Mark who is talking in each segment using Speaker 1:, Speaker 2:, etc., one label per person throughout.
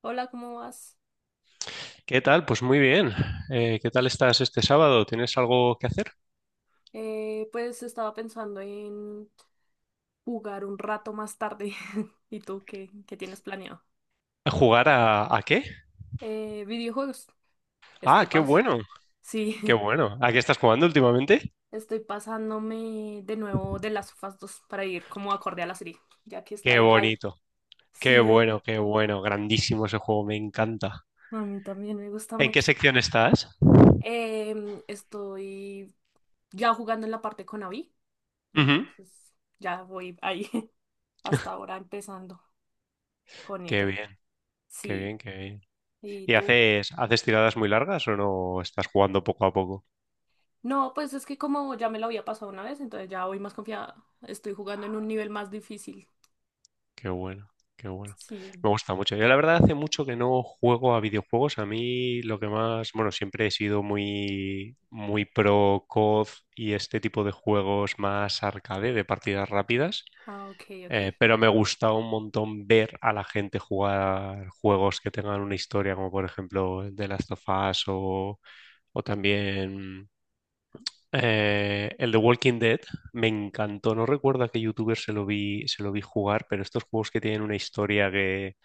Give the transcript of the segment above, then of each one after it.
Speaker 1: Hola, ¿cómo vas?
Speaker 2: ¿Qué tal? Pues muy bien. ¿Qué tal estás este sábado? ¿Tienes algo que hacer?
Speaker 1: Pues estaba pensando en jugar un rato más tarde. ¿Y tú qué tienes planeado?
Speaker 2: ¿Jugar a qué?
Speaker 1: Videojuegos. Estoy
Speaker 2: Ah, qué
Speaker 1: pas.
Speaker 2: bueno,
Speaker 1: Sí,
Speaker 2: qué bueno. ¿A qué estás jugando últimamente?
Speaker 1: estoy pasándome de nuevo de las of Us 2 para ir como acorde a la serie, ya que está
Speaker 2: Qué
Speaker 1: en hype.
Speaker 2: bonito, qué
Speaker 1: Sí,
Speaker 2: bueno, qué bueno. Grandísimo ese juego, me encanta.
Speaker 1: a mí también me gusta
Speaker 2: ¿En qué
Speaker 1: mucho.
Speaker 2: sección estás?
Speaker 1: Estoy ya jugando en la parte con Abby,
Speaker 2: Ujú.
Speaker 1: entonces ya voy ahí hasta ahora empezando con
Speaker 2: Qué
Speaker 1: ella.
Speaker 2: bien, qué
Speaker 1: Sí,
Speaker 2: bien, qué bien.
Speaker 1: ¿y
Speaker 2: ¿Y
Speaker 1: tú?
Speaker 2: haces tiradas muy largas o no estás jugando poco a poco?
Speaker 1: No, pues es que como ya me lo había pasado una vez, entonces ya voy más confiada. Estoy jugando en un nivel más difícil.
Speaker 2: Qué bueno, qué bueno.
Speaker 1: Sí.
Speaker 2: Me gusta mucho. Yo la verdad hace mucho que no juego a videojuegos. A mí lo que más, bueno, siempre he sido muy, muy pro COD y este tipo de juegos más arcade, de partidas rápidas.
Speaker 1: Ah, ok, ok.
Speaker 2: Pero me gusta un montón ver a la gente jugar juegos que tengan una historia, como por ejemplo The Last of Us o también el de Walking Dead me encantó. No recuerdo a qué youtuber se lo vi jugar, pero estos juegos que tienen una historia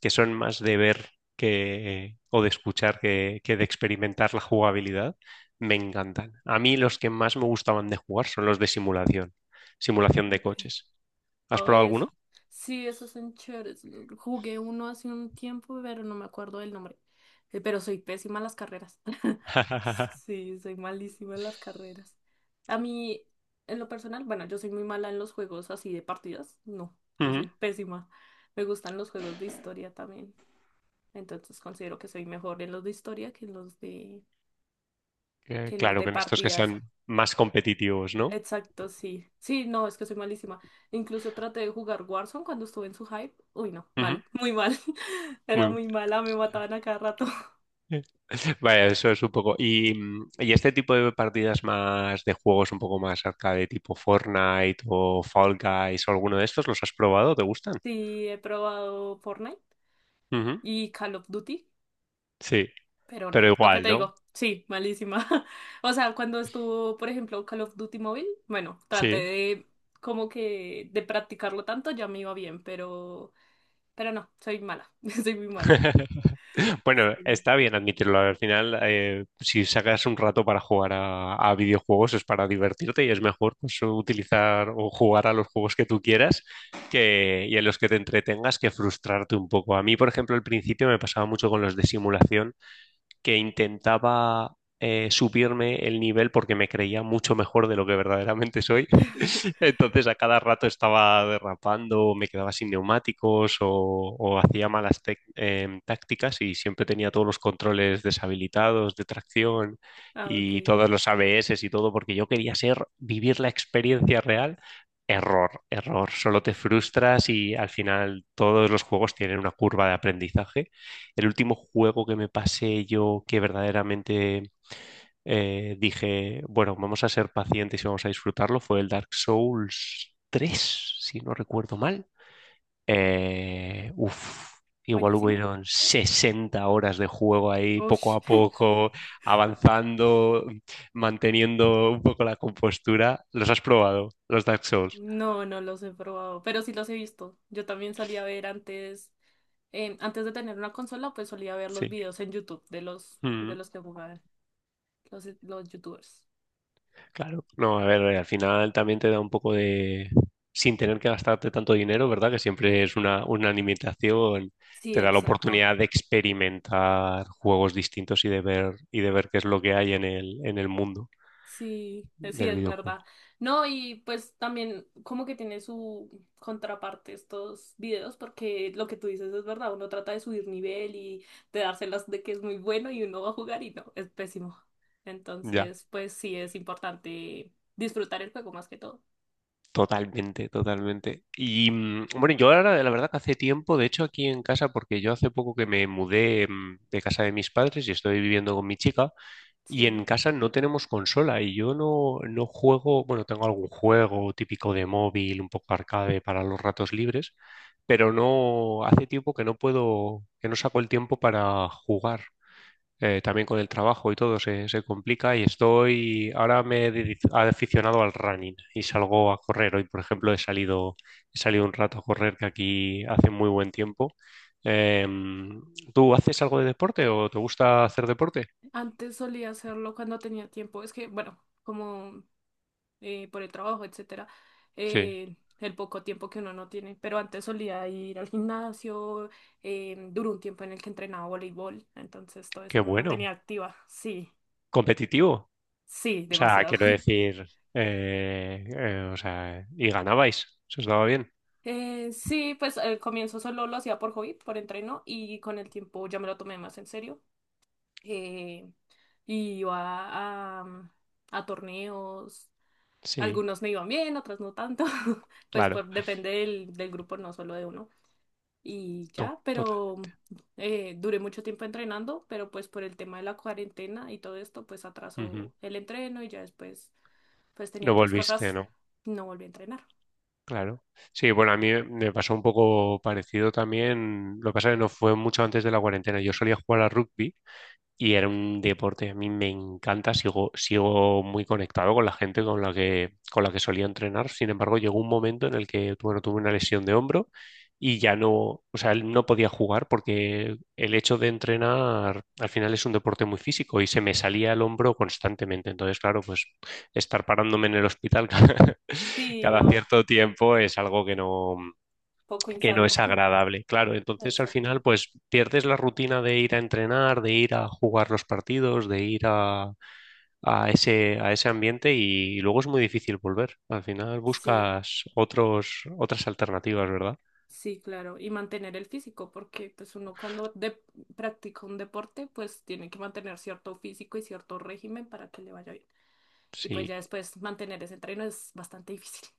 Speaker 2: que son más de ver que, o de escuchar que de experimentar la jugabilidad, me encantan. A mí los que más me gustaban de jugar son los de simulación, simulación de
Speaker 1: Ok.
Speaker 2: coches. ¿Has
Speaker 1: Oh,
Speaker 2: probado
Speaker 1: eso.
Speaker 2: alguno?
Speaker 1: Sí, esos son chéveres. Jugué uno hace un tiempo, pero no me acuerdo del nombre. Pero soy pésima en las carreras. Sí, soy malísima en las carreras. A mí, en lo personal, bueno, yo soy muy mala en los juegos así de partidas. No, yo
Speaker 2: Ujú.
Speaker 1: soy pésima. Me gustan los juegos de historia también. Entonces considero que soy mejor en los de historia que en que en los
Speaker 2: Claro,
Speaker 1: de
Speaker 2: que en estos que
Speaker 1: partidas.
Speaker 2: sean más competitivos, ¿no?
Speaker 1: Exacto, sí. Sí, no, es que soy malísima. Incluso traté de jugar Warzone cuando estuve en su hype. Uy, no,
Speaker 2: Ujú.
Speaker 1: mal, muy mal. Era
Speaker 2: Muy bueno.
Speaker 1: muy mala, me mataban a cada rato.
Speaker 2: Vaya, eso es un poco. Y, y este tipo de partidas más de juegos un poco más arcade, tipo Fortnite o Fall Guys o alguno de estos, ¿los has probado? ¿Te gustan?
Speaker 1: Sí, he probado Fortnite
Speaker 2: Ujú.
Speaker 1: y Call of Duty,
Speaker 2: Sí,
Speaker 1: pero
Speaker 2: pero
Speaker 1: no. Lo que
Speaker 2: igual,
Speaker 1: te
Speaker 2: ¿no?
Speaker 1: digo, sí, malísima. O sea, cuando estuvo, por ejemplo, Call of Duty móvil, bueno, traté
Speaker 2: Sí.
Speaker 1: de como que de practicarlo tanto, ya me iba bien, pero no, soy mala. Soy muy mala.
Speaker 2: Bueno,
Speaker 1: Sí.
Speaker 2: está bien admitirlo. Al final, si sacas un rato para jugar a videojuegos es para divertirte y es mejor pues, utilizar o jugar a los juegos que tú quieras que, y en los que te entretengas que frustrarte un poco. A mí, por ejemplo, al principio me pasaba mucho con los de simulación que intentaba subirme el nivel porque me creía mucho mejor de lo que verdaderamente soy. Entonces a cada rato estaba derrapando, me quedaba sin neumáticos o hacía malas tácticas y siempre tenía todos los controles deshabilitados de tracción
Speaker 1: Ah,
Speaker 2: y
Speaker 1: ok.
Speaker 2: todos los ABS y todo porque yo quería ser, vivir la experiencia real. Error, error. Solo te frustras y al final todos los juegos tienen una curva de aprendizaje. El último juego que me pasé yo que verdaderamente dije, bueno, vamos a ser pacientes y vamos a disfrutarlo, fue el Dark Souls 3 si no recuerdo mal. Eh, uf, igual
Speaker 1: Buenísimo.
Speaker 2: hubieron 60 horas de juego ahí, poco
Speaker 1: Ush.
Speaker 2: a poco, avanzando, manteniendo un poco la compostura. ¿Los has probado, los Dark Souls?
Speaker 1: No, no los he probado, pero sí los he visto. Yo también solía ver antes, antes de tener una consola, pues solía ver los
Speaker 2: Sí.
Speaker 1: videos en YouTube de de
Speaker 2: Mm.
Speaker 1: los que jugaban, los YouTubers.
Speaker 2: Claro. No, a ver, al final también te da un poco de... Sin tener que gastarte tanto dinero, ¿verdad? Que siempre es una limitación,
Speaker 1: Sí,
Speaker 2: te da la
Speaker 1: exacto.
Speaker 2: oportunidad de experimentar juegos distintos y de ver qué es lo que hay en el mundo
Speaker 1: Sí, sí,
Speaker 2: del
Speaker 1: es
Speaker 2: videojuego.
Speaker 1: verdad. No, y pues también como que tiene su contraparte estos videos, porque lo que tú dices es verdad, uno trata de subir nivel y de dárselas de que es muy bueno y uno va a jugar y no, es pésimo.
Speaker 2: Ya,
Speaker 1: Entonces, pues sí, es importante disfrutar el juego más que todo.
Speaker 2: totalmente, totalmente. Y bueno, yo ahora, la verdad que hace tiempo, de hecho aquí en casa, porque yo hace poco que me mudé de casa de mis padres y estoy viviendo con mi chica. Y
Speaker 1: Sí,
Speaker 2: en casa no tenemos consola y yo no, no juego, bueno, tengo algún juego típico de móvil, un poco arcade para los ratos libres, pero no, hace tiempo que no puedo, que no saco el tiempo para jugar. También con el trabajo y todo se, se complica y estoy, ahora me he aficionado al running y salgo a correr. Hoy, por ejemplo, he salido un rato a correr que aquí hace muy buen tiempo. Em, ¿Tú haces algo de deporte o te gusta hacer deporte?
Speaker 1: antes solía hacerlo cuando tenía tiempo, es que, bueno, como... por el trabajo, etcétera,
Speaker 2: Sí,
Speaker 1: el poco tiempo que uno no tiene. Pero antes solía ir al gimnasio, duró un tiempo en el que entrenaba voleibol, entonces todo
Speaker 2: qué
Speaker 1: eso me
Speaker 2: bueno.
Speaker 1: mantenía activa. Sí,
Speaker 2: Competitivo.
Speaker 1: sí,
Speaker 2: O sea,
Speaker 1: demasiado.
Speaker 2: quiero decir, o sea, y ganabais, se os daba bien.
Speaker 1: Sí, pues al comienzo solo lo hacía por hobby, por entreno, y con el tiempo ya me lo tomé más en serio. Eh, y iba a, a torneos,
Speaker 2: Sí,
Speaker 1: algunos me iban bien, otros no tanto, pues
Speaker 2: claro,
Speaker 1: por, depende del grupo, no solo de uno. Y ya, pero
Speaker 2: totalmente.
Speaker 1: duré mucho tiempo entrenando, pero pues por el tema de la cuarentena y todo esto, pues
Speaker 2: Ujú.
Speaker 1: atrasó el entreno y ya después pues tenía
Speaker 2: Lo
Speaker 1: otras
Speaker 2: volviste,
Speaker 1: cosas,
Speaker 2: ¿no?
Speaker 1: no volví a entrenar.
Speaker 2: Claro. Sí, bueno, a mí me pasó un poco parecido también. Lo que pasa es que no fue mucho antes de la cuarentena. Yo solía jugar a rugby. Y era un deporte que a mí me encanta, sigo, sigo muy conectado con la gente con la con la que solía entrenar. Sin embargo, llegó un momento en el que, bueno, tuve una lesión de hombro y ya no, o sea, él no podía jugar porque el hecho de entrenar al final es un deporte muy físico y se me salía el hombro constantemente. Entonces, claro, pues estar parándome en el hospital cada,
Speaker 1: Sí,
Speaker 2: cada
Speaker 1: no,
Speaker 2: cierto tiempo es algo
Speaker 1: poco
Speaker 2: que no es
Speaker 1: insano.
Speaker 2: agradable, claro. Entonces al
Speaker 1: Exacto.
Speaker 2: final pues pierdes la rutina de ir a entrenar, de ir a jugar los partidos, de ir a ese ambiente y, luego es muy difícil volver. Al final
Speaker 1: Sí,
Speaker 2: buscas otros, otras alternativas, ¿verdad?
Speaker 1: sí, claro. Y mantener el físico, porque pues uno cuando de- practica un deporte, pues tiene que mantener cierto físico y cierto régimen para que le vaya bien. Y pues ya
Speaker 2: Sí,
Speaker 1: después mantener ese entreno es bastante difícil.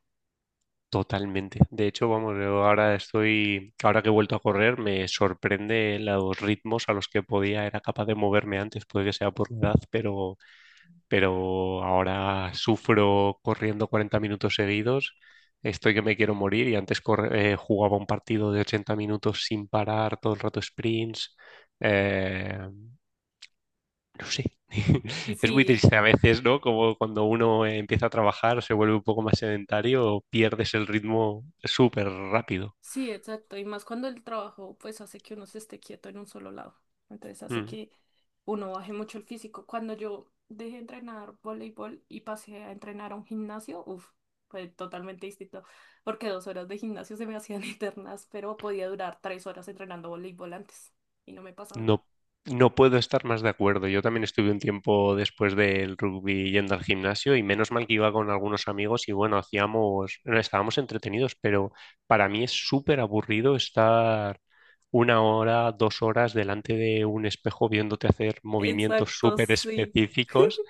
Speaker 2: totalmente. De hecho, vamos, yo ahora estoy, ahora que he vuelto a correr, me sorprende los ritmos a los que podía, era capaz de moverme antes, puede que sea por la edad, pero ahora sufro corriendo 40 minutos seguidos, estoy que me quiero morir y antes jugaba un partido de 80 minutos sin parar, todo el rato sprints. eh, no sé, es muy
Speaker 1: Sí.
Speaker 2: triste a veces, ¿no? Como cuando uno empieza a trabajar, se vuelve un poco más sedentario, pierdes el ritmo súper rápido.
Speaker 1: Sí, exacto. Y más cuando el trabajo pues hace que uno se esté quieto en un solo lado. Entonces hace
Speaker 2: Mm.
Speaker 1: que uno baje mucho el físico. Cuando yo dejé de entrenar voleibol y pasé a entrenar a un gimnasio, uff, fue totalmente distinto. Porque dos horas de gimnasio se me hacían eternas, pero podía durar tres horas entrenando voleibol antes y no me pasaba nada.
Speaker 2: No, no puedo estar más de acuerdo. Yo también estuve un tiempo después del rugby yendo al gimnasio y menos mal que iba con algunos amigos y bueno, hacíamos, estábamos entretenidos, pero para mí es súper aburrido estar una hora, dos horas delante de un espejo viéndote hacer movimientos
Speaker 1: Exacto,
Speaker 2: súper
Speaker 1: sí.
Speaker 2: específicos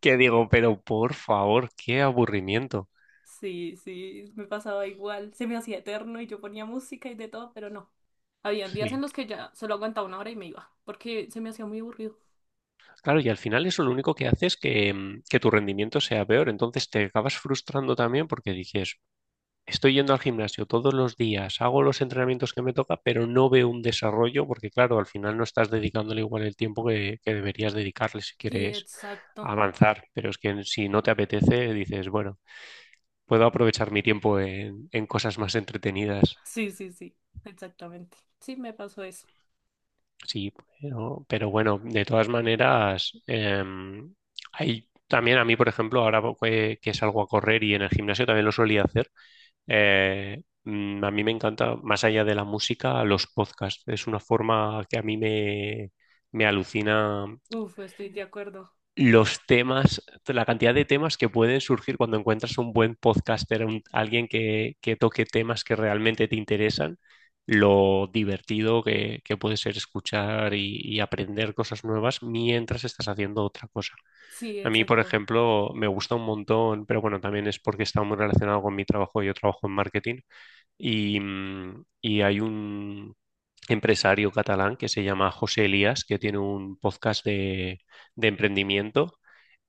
Speaker 2: que digo, pero por favor, qué aburrimiento.
Speaker 1: Sí, sí, me pasaba igual. Se me hacía eterno y yo ponía música y de todo, pero no. Habían días en
Speaker 2: Sí.
Speaker 1: los que ya solo aguantaba una hora y me iba, porque se me hacía muy aburrido.
Speaker 2: Claro, y al final eso lo único que hace es que tu rendimiento sea peor. Entonces te acabas frustrando también porque dices, estoy yendo al gimnasio todos los días, hago los entrenamientos que me toca, pero no veo un desarrollo porque, claro, al final no estás dedicándole igual el tiempo que deberías dedicarle si
Speaker 1: Sí,
Speaker 2: quieres
Speaker 1: exacto.
Speaker 2: avanzar. Pero es que si no te apetece, dices, bueno, puedo aprovechar mi tiempo en cosas más entretenidas.
Speaker 1: Sí, sí, sí, exactamente. Sí, me pasó eso.
Speaker 2: Sí, pero bueno, de todas maneras, hay también a mí, por ejemplo, ahora que salgo a correr y en el gimnasio también lo solía hacer. A mí me encanta, más allá de la música, los podcasts. Es una forma que a me alucina
Speaker 1: Uf, estoy de acuerdo.
Speaker 2: los temas, la cantidad de temas que pueden surgir cuando encuentras un buen podcaster, alguien que toque temas que realmente te interesan, lo divertido que puede ser escuchar y aprender cosas nuevas mientras estás haciendo otra cosa.
Speaker 1: Sí,
Speaker 2: A mí, por
Speaker 1: exacto.
Speaker 2: ejemplo, me gusta un montón, pero bueno, también es porque está muy relacionado con mi trabajo. Yo trabajo en marketing y hay un empresario catalán que se llama José Elías, que tiene un podcast de emprendimiento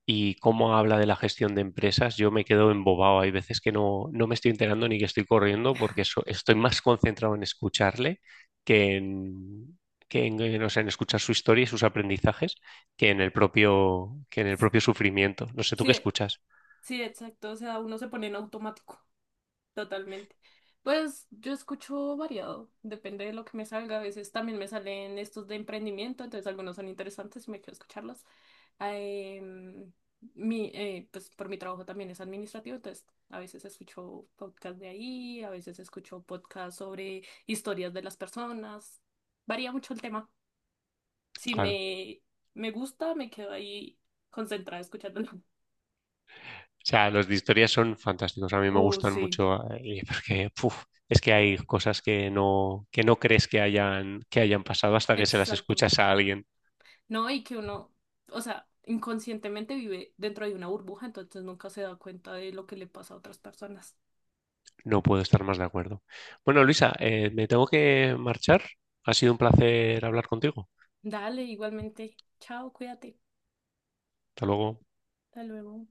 Speaker 2: y cómo habla de la gestión de empresas, yo me quedo embobado. Hay veces que no, no me estoy enterando ni que estoy corriendo porque estoy más concentrado en escucharle que en... o sea, en escuchar su historia y sus aprendizajes que en el propio, que en el propio sufrimiento. No sé, ¿tú qué
Speaker 1: Sí,
Speaker 2: escuchas?
Speaker 1: sí, exacto. O sea, uno se pone en automático. Totalmente. Pues yo escucho variado, depende de lo que me salga. A veces también me salen estos de emprendimiento, entonces algunos son interesantes y me quiero escucharlos. Ah, em, pues por mi trabajo también es administrativo, entonces a veces escucho podcast de ahí, a veces escucho podcast sobre historias de las personas. Varía mucho el tema. Si
Speaker 2: Claro.
Speaker 1: me, Me gusta, me quedo ahí concentrada escuchándolo.
Speaker 2: O sea, los de historia son fantásticos, a mí me
Speaker 1: Oh,
Speaker 2: gustan
Speaker 1: sí.
Speaker 2: mucho porque puf, es que hay cosas que no crees que hayan pasado hasta que se las
Speaker 1: Exacto.
Speaker 2: escuchas a alguien.
Speaker 1: No, o sea, inconscientemente vive dentro de una burbuja, entonces nunca se da cuenta de lo que le pasa a otras personas.
Speaker 2: No puedo estar más de acuerdo. Bueno, Luisa, me tengo que marchar. Ha sido un placer hablar contigo.
Speaker 1: Dale, igualmente. Chao, cuídate.
Speaker 2: Hasta luego.
Speaker 1: Hasta luego.